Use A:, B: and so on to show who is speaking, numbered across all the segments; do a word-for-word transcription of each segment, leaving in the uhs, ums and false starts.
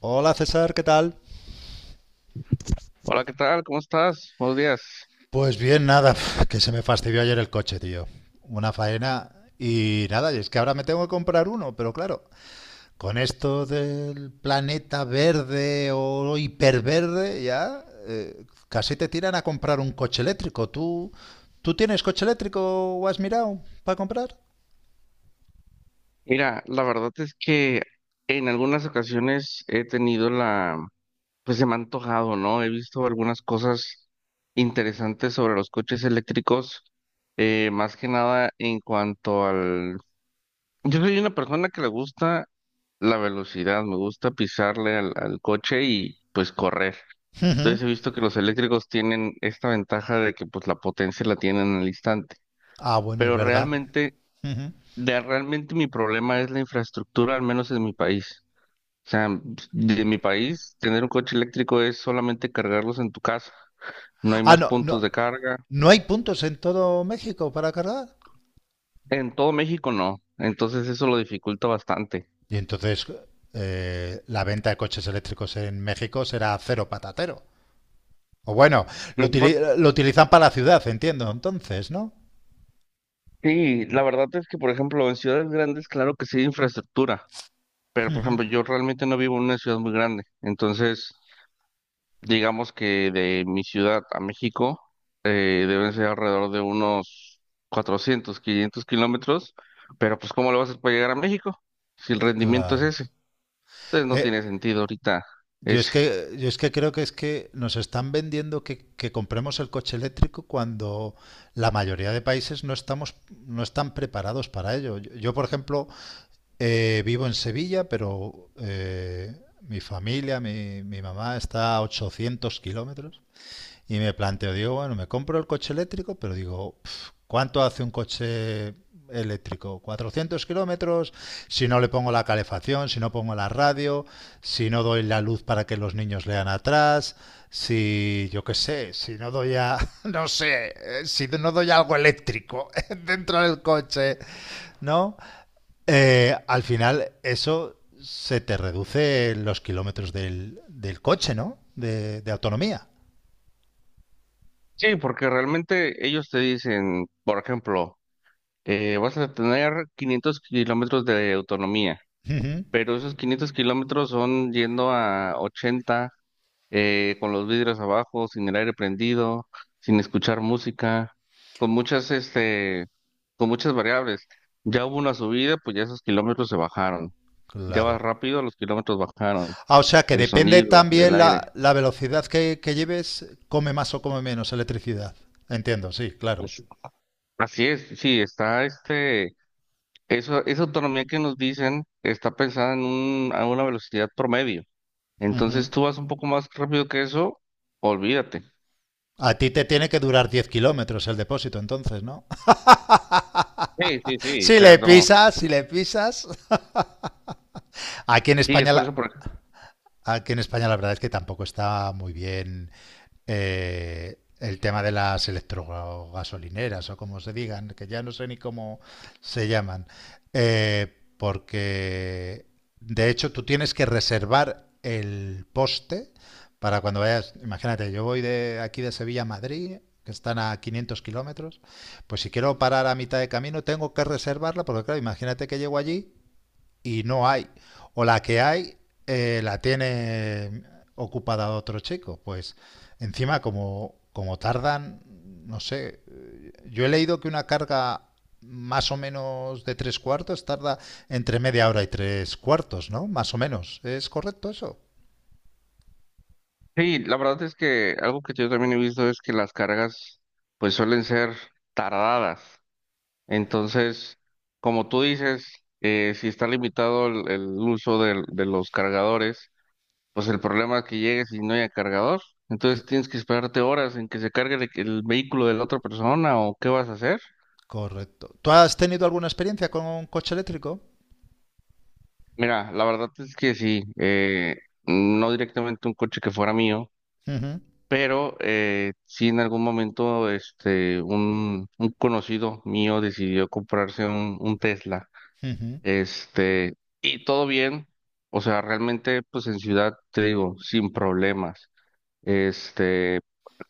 A: Hola César, ¿qué tal?
B: Hola, ¿qué tal? ¿Cómo estás? Buenos días.
A: Pues bien, nada, que se me fastidió ayer el coche, tío. Una faena y nada, y es que ahora me tengo que comprar uno, pero claro, con esto del planeta verde o hiperverde ya eh, casi te tiran a comprar un coche eléctrico. ¿Tú, tú tienes coche eléctrico o has mirado para comprar?
B: Mira, la verdad es que en algunas ocasiones he tenido la, pues se me ha antojado, ¿no? He visto algunas cosas interesantes sobre los coches eléctricos, eh, más que nada en cuanto al... Yo soy una persona que le gusta la velocidad, me gusta pisarle al, al coche y pues correr.
A: Ujú.
B: Entonces he visto que los eléctricos tienen esta ventaja de que pues la potencia la tienen al instante.
A: Ah, bueno, es
B: Pero
A: verdad.
B: realmente.
A: Ujú.
B: De realmente mi problema es la infraestructura, al menos en mi país. O sea, de mi país, tener un coche eléctrico es solamente cargarlos en tu casa. No hay
A: Ah,
B: más
A: no, no,
B: puntos de carga.
A: ¿no hay puntos en todo México para cargar?
B: En todo México no. Entonces eso lo dificulta bastante.
A: Y entonces eh, la venta de coches eléctricos en México será cero patatero. O bueno, lo,
B: Lo que pa-
A: utili- lo utilizan para la ciudad, entiendo, entonces, ¿no?
B: Sí, la verdad es que, por ejemplo, en ciudades grandes, claro que sí hay infraestructura. Pero, por ejemplo, yo realmente no vivo en una ciudad muy grande. Entonces, digamos que de mi ciudad a México eh, deben ser alrededor de unos cuatrocientos, quinientos kilómetros, pero pues ¿cómo lo vas a hacer para llegar a México si el rendimiento es
A: Claro.
B: ese? Entonces no
A: Eh,
B: tiene sentido ahorita
A: yo es
B: ese.
A: que, yo es que creo que es que nos están vendiendo que, que compremos el coche eléctrico cuando la mayoría de países no estamos, no están preparados para ello. Yo, yo, por ejemplo, eh, vivo en Sevilla, pero eh, mi familia, mi, mi mamá está a ochocientos kilómetros. Y me planteo, digo, bueno, me compro el coche eléctrico, pero digo, pf, ¿cuánto hace un coche eléctrico? Cuatrocientos kilómetros, si no le pongo la calefacción, si no pongo la radio, si no doy la luz para que los niños lean atrás, si yo qué sé, si no doy a, no sé, eh, si no doy algo eléctrico dentro del coche, ¿no? Eh, al final eso se te reduce los kilómetros del, del coche, ¿no? De, de autonomía.
B: Sí, porque realmente ellos te dicen, por ejemplo, eh, vas a tener quinientos kilómetros de autonomía,
A: Ujú.
B: pero esos quinientos kilómetros son yendo a ochenta. eh, con los vidrios abajo, sin el aire prendido, sin escuchar música, con muchas, este, con muchas variables. Ya hubo una subida, pues ya esos kilómetros se bajaron. Ya
A: Claro.
B: vas rápido, los kilómetros bajaron.
A: Ah, o sea que
B: El
A: depende
B: sonido, el
A: también la,
B: aire.
A: la velocidad que, que lleves, come más o come menos electricidad. Entiendo, sí, claro.
B: Pues, así es, sí, está este, eso, esa autonomía que nos dicen está pensada en un, a una velocidad promedio.
A: Ujú.
B: Entonces tú vas un poco más rápido que eso, olvídate.
A: A ti te tiene que durar diez kilómetros el depósito, entonces, ¿no?
B: Sí, sí, sí, o
A: Si
B: sea,
A: le
B: no.
A: pisas, si le pisas. Aquí en
B: Sí, es
A: España
B: por
A: la-
B: eso, por
A: Aquí en España la verdad es que tampoco está muy bien eh, el tema de las electrogasolineras o como se digan, que ya no sé ni cómo se llaman, eh, porque de hecho tú tienes que reservar el poste para cuando vayas, imagínate, yo voy de aquí de Sevilla a Madrid, que están a quinientos kilómetros, pues si quiero parar a mitad de camino tengo que reservarla, porque claro, imagínate que llego allí y no hay. O la que hay eh, la tiene ocupada otro chico. Pues encima como, como tardan, no sé, yo he leído que una carga más o menos de tres cuartos tarda entre media hora y tres cuartos, ¿no? Más o menos. ¿Es correcto eso?
B: Sí, la verdad es que algo que yo también he visto es que las cargas pues suelen ser tardadas. Entonces, como tú dices, eh, si está limitado el, el uso del- de, los cargadores, pues el problema es que llegues y no haya cargador. Entonces
A: Co-
B: tienes que esperarte horas en que se cargue el, el vehículo de la otra persona o qué vas a hacer.
A: Correcto. ¿Tú has tenido alguna experiencia con un coche eléctrico?
B: Mira, la verdad es que sí, eh, no directamente un coche que fuera mío.
A: Ujú,
B: Pero eh, sí en algún momento este un, un conocido mío decidió comprarse un, un Tesla.
A: ujú,
B: Este, y todo bien. O sea, realmente, pues en ciudad, te digo, sin problemas. Este,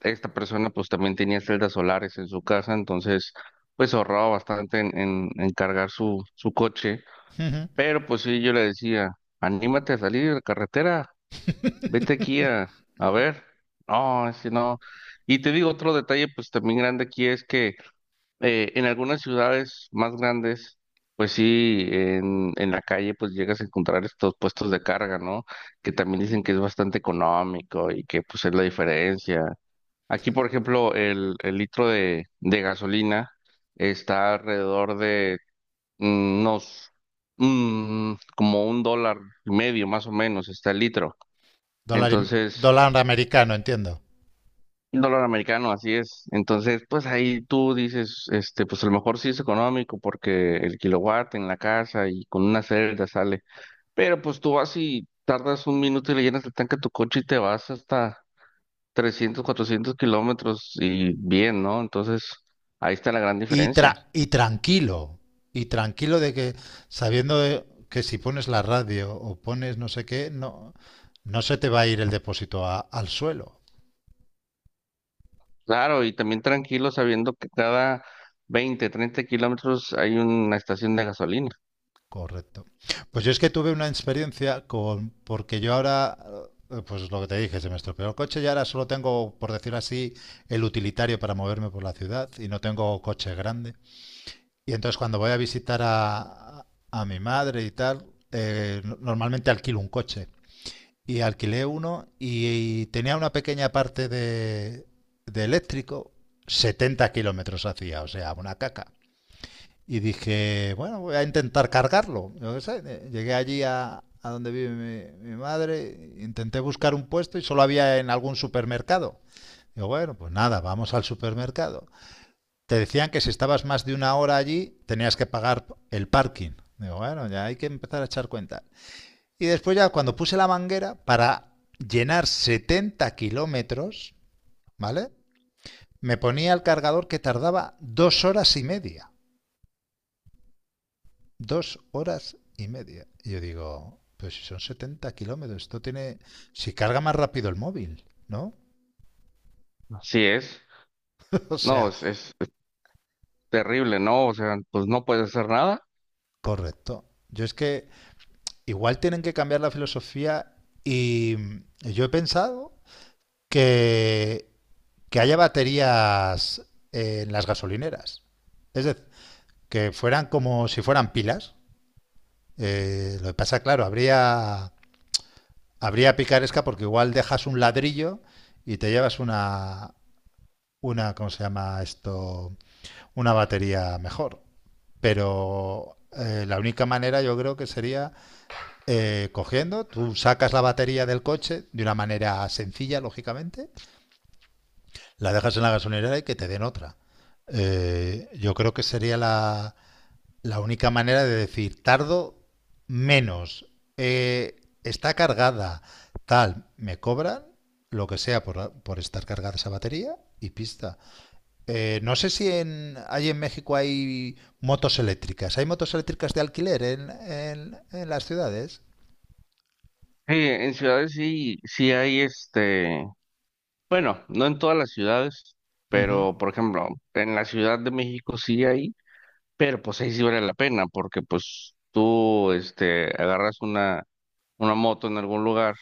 B: Esta persona pues también tenía celdas solares en su casa, entonces pues ahorraba bastante en, en, en cargar su, su coche.
A: ujú.
B: Pero pues sí, yo le decía, anímate a salir a la carretera, vete aquí a, a ver. No, si no. Y te digo otro detalle, pues también grande aquí es que eh, en algunas ciudades más grandes, pues sí, en, en la calle pues llegas a encontrar estos puestos de carga, ¿no? Que también dicen que es bastante económico y que pues es la diferencia. Aquí, por ejemplo, el, el litro de, de gasolina está alrededor de mm, unos, mm, como un dólar y medio más o menos, está el litro.
A: dólar, im-
B: Entonces,
A: dólar americano, entiendo.
B: un dólar americano, así es. Entonces, pues ahí tú dices, este, pues a lo mejor sí es económico porque el kilowatt en la casa y con una celda sale. Pero pues tú vas y tardas un minuto y le llenas el tanque a tu coche y te vas hasta trescientos cuatrocientos kilómetros y bien, ¿no? Entonces, ahí está la gran
A: Y,
B: diferencia.
A: tra- y tranquilo, y tranquilo de que sabiendo de- que si pones la radio o pones no sé qué, no, no se te va a ir el depósito a- al suelo.
B: Claro, y también tranquilo sabiendo que cada veinte treinta kilómetros hay una estación de gasolina.
A: Correcto. Pues yo es que tuve una experiencia con, porque yo ahora, eh, pues lo que te dije, se me estropeó el coche y ahora solo tengo, por decir así, el utilitario para moverme por la ciudad y no tengo coche grande. Y entonces cuando voy a visitar a, a mi madre y tal, eh, no- normalmente alquilo un coche. Y alquilé uno y, y tenía una pequeña parte de, de eléctrico, setenta kilómetros hacía, o sea, una caca. Y dije, bueno, voy a intentar cargarlo. Yo qué sé, eh, llegué allí a, a donde vive mi, mi madre, intenté buscar un puesto y solo había en algún supermercado. Digo, bueno, pues nada, vamos al supermercado. Te decían que si estabas más de una hora allí, tenías que pagar el parking. Digo, bueno, ya hay que empezar a echar cuenta. Y después ya cuando puse la manguera para llenar setenta kilómetros, ¿vale? Me ponía el cargador que tardaba dos horas y media. Dos horas y media. Y yo digo, pues si son setenta kilómetros, esto tiene... Si carga más rápido el móvil, ¿no?
B: Así es.
A: O
B: No,
A: sea,
B: es, es es terrible, ¿no? O sea, pues no puedes hacer nada.
A: correcto. Yo es que igual tienen que cambiar la filosofía y yo he pensado que, que haya baterías en las gasolineras. Es decir, que fueran como si fueran pilas. Eh, lo que pasa, claro, habría, habría picaresca porque igual dejas un ladrillo y te llevas una, una ¿cómo se llama esto? Una batería mejor. Pero eh, la única manera yo creo que sería eh, cogiendo, tú sacas la batería del coche de una manera sencilla, lógicamente, la dejas en la gasolinera y que te den otra. Eh, yo creo que sería la, La única manera de decir tardo menos, eh, está cargada, tal, me cobran lo que sea por, por estar cargada esa batería y pista. Eh, no sé si en, hay en México hay motos eléctricas. ¿Hay motos eléctricas de alquiler en, en, en las ciudades?
B: Sí, en ciudades sí, sí hay este, bueno, no en todas las ciudades,
A: Ujú.
B: pero por ejemplo, en la Ciudad de México sí hay, pero pues ahí sí vale la pena, porque pues tú este agarras una, una moto en algún lugar,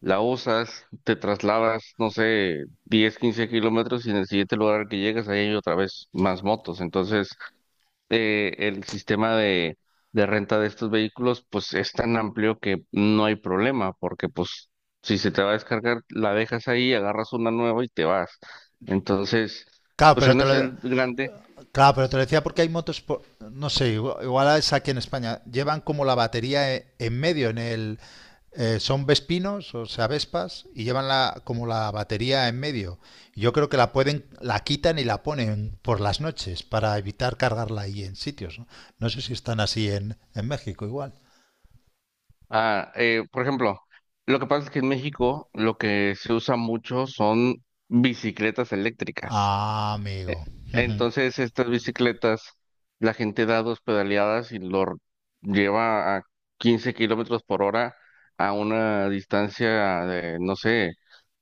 B: la usas, te trasladas, no sé, diez, quince kilómetros y en el siguiente lugar al que llegas ahí hay otra vez más motos. Entonces, eh, el sistema de, de renta de estos vehículos pues es tan amplio que no hay problema, porque pues si se te va a descargar, la dejas ahí, agarras una nueva y te vas. Entonces,
A: Claro,
B: pues
A: pero
B: en
A: te lo,
B: ese grande,
A: Claro, pero te lo decía porque hay motos, por- no sé, igual, igual es aquí en España, llevan como la batería e- en medio, en el, eh, son vespinos, o sea, vespas, y llevan la, como la batería en medio. Yo creo que la pueden, la quitan y la ponen por las noches para evitar cargarla ahí en sitios, ¿no? No sé si están así en, en México igual.
B: ah, eh, por ejemplo, lo que pasa es que en México lo que se usa mucho son bicicletas eléctricas.
A: Ah, amigo.
B: E-
A: Ujú.
B: Entonces, estas bicicletas, la gente da dos pedaleadas y lo r- lleva a quince kilómetros por hora a una distancia de, no sé,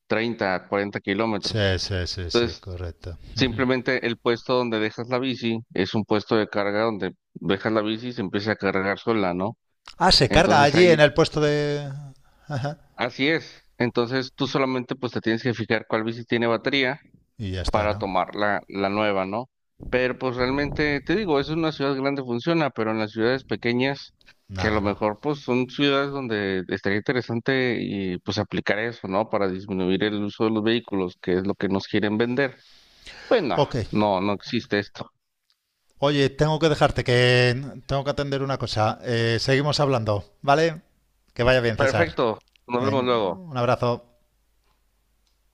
B: treinta, cuarenta
A: Sí,
B: kilómetros.
A: sí, sí, sí,
B: Entonces,
A: correcto. Ujú.
B: simplemente el puesto donde dejas la bici es un puesto de carga donde dejas la bici y se empieza a cargar sola, ¿no?
A: Ah, se carga
B: Entonces
A: allí
B: ahí,
A: en el puesto de... Ajá.
B: así es. Entonces tú solamente pues te tienes que fijar cuál bici tiene batería
A: Y ya está,
B: para
A: ¿no?
B: tomar la, la nueva, ¿no? Pero pues realmente, te digo, es una ciudad grande funciona, pero en las ciudades pequeñas, que a
A: Nada,
B: lo
A: ¿no?
B: mejor pues son ciudades donde estaría interesante y pues aplicar eso, ¿no? Para disminuir el uso de los vehículos, que es lo que nos quieren vender. Pues no,
A: Ok,
B: no, no existe esto.
A: oye, tengo que dejarte que tengo que atender una cosa. Eh, seguimos hablando, ¿vale? Que vaya bien, César.
B: Perfecto, nos vemos
A: Ven,
B: luego.
A: un abrazo.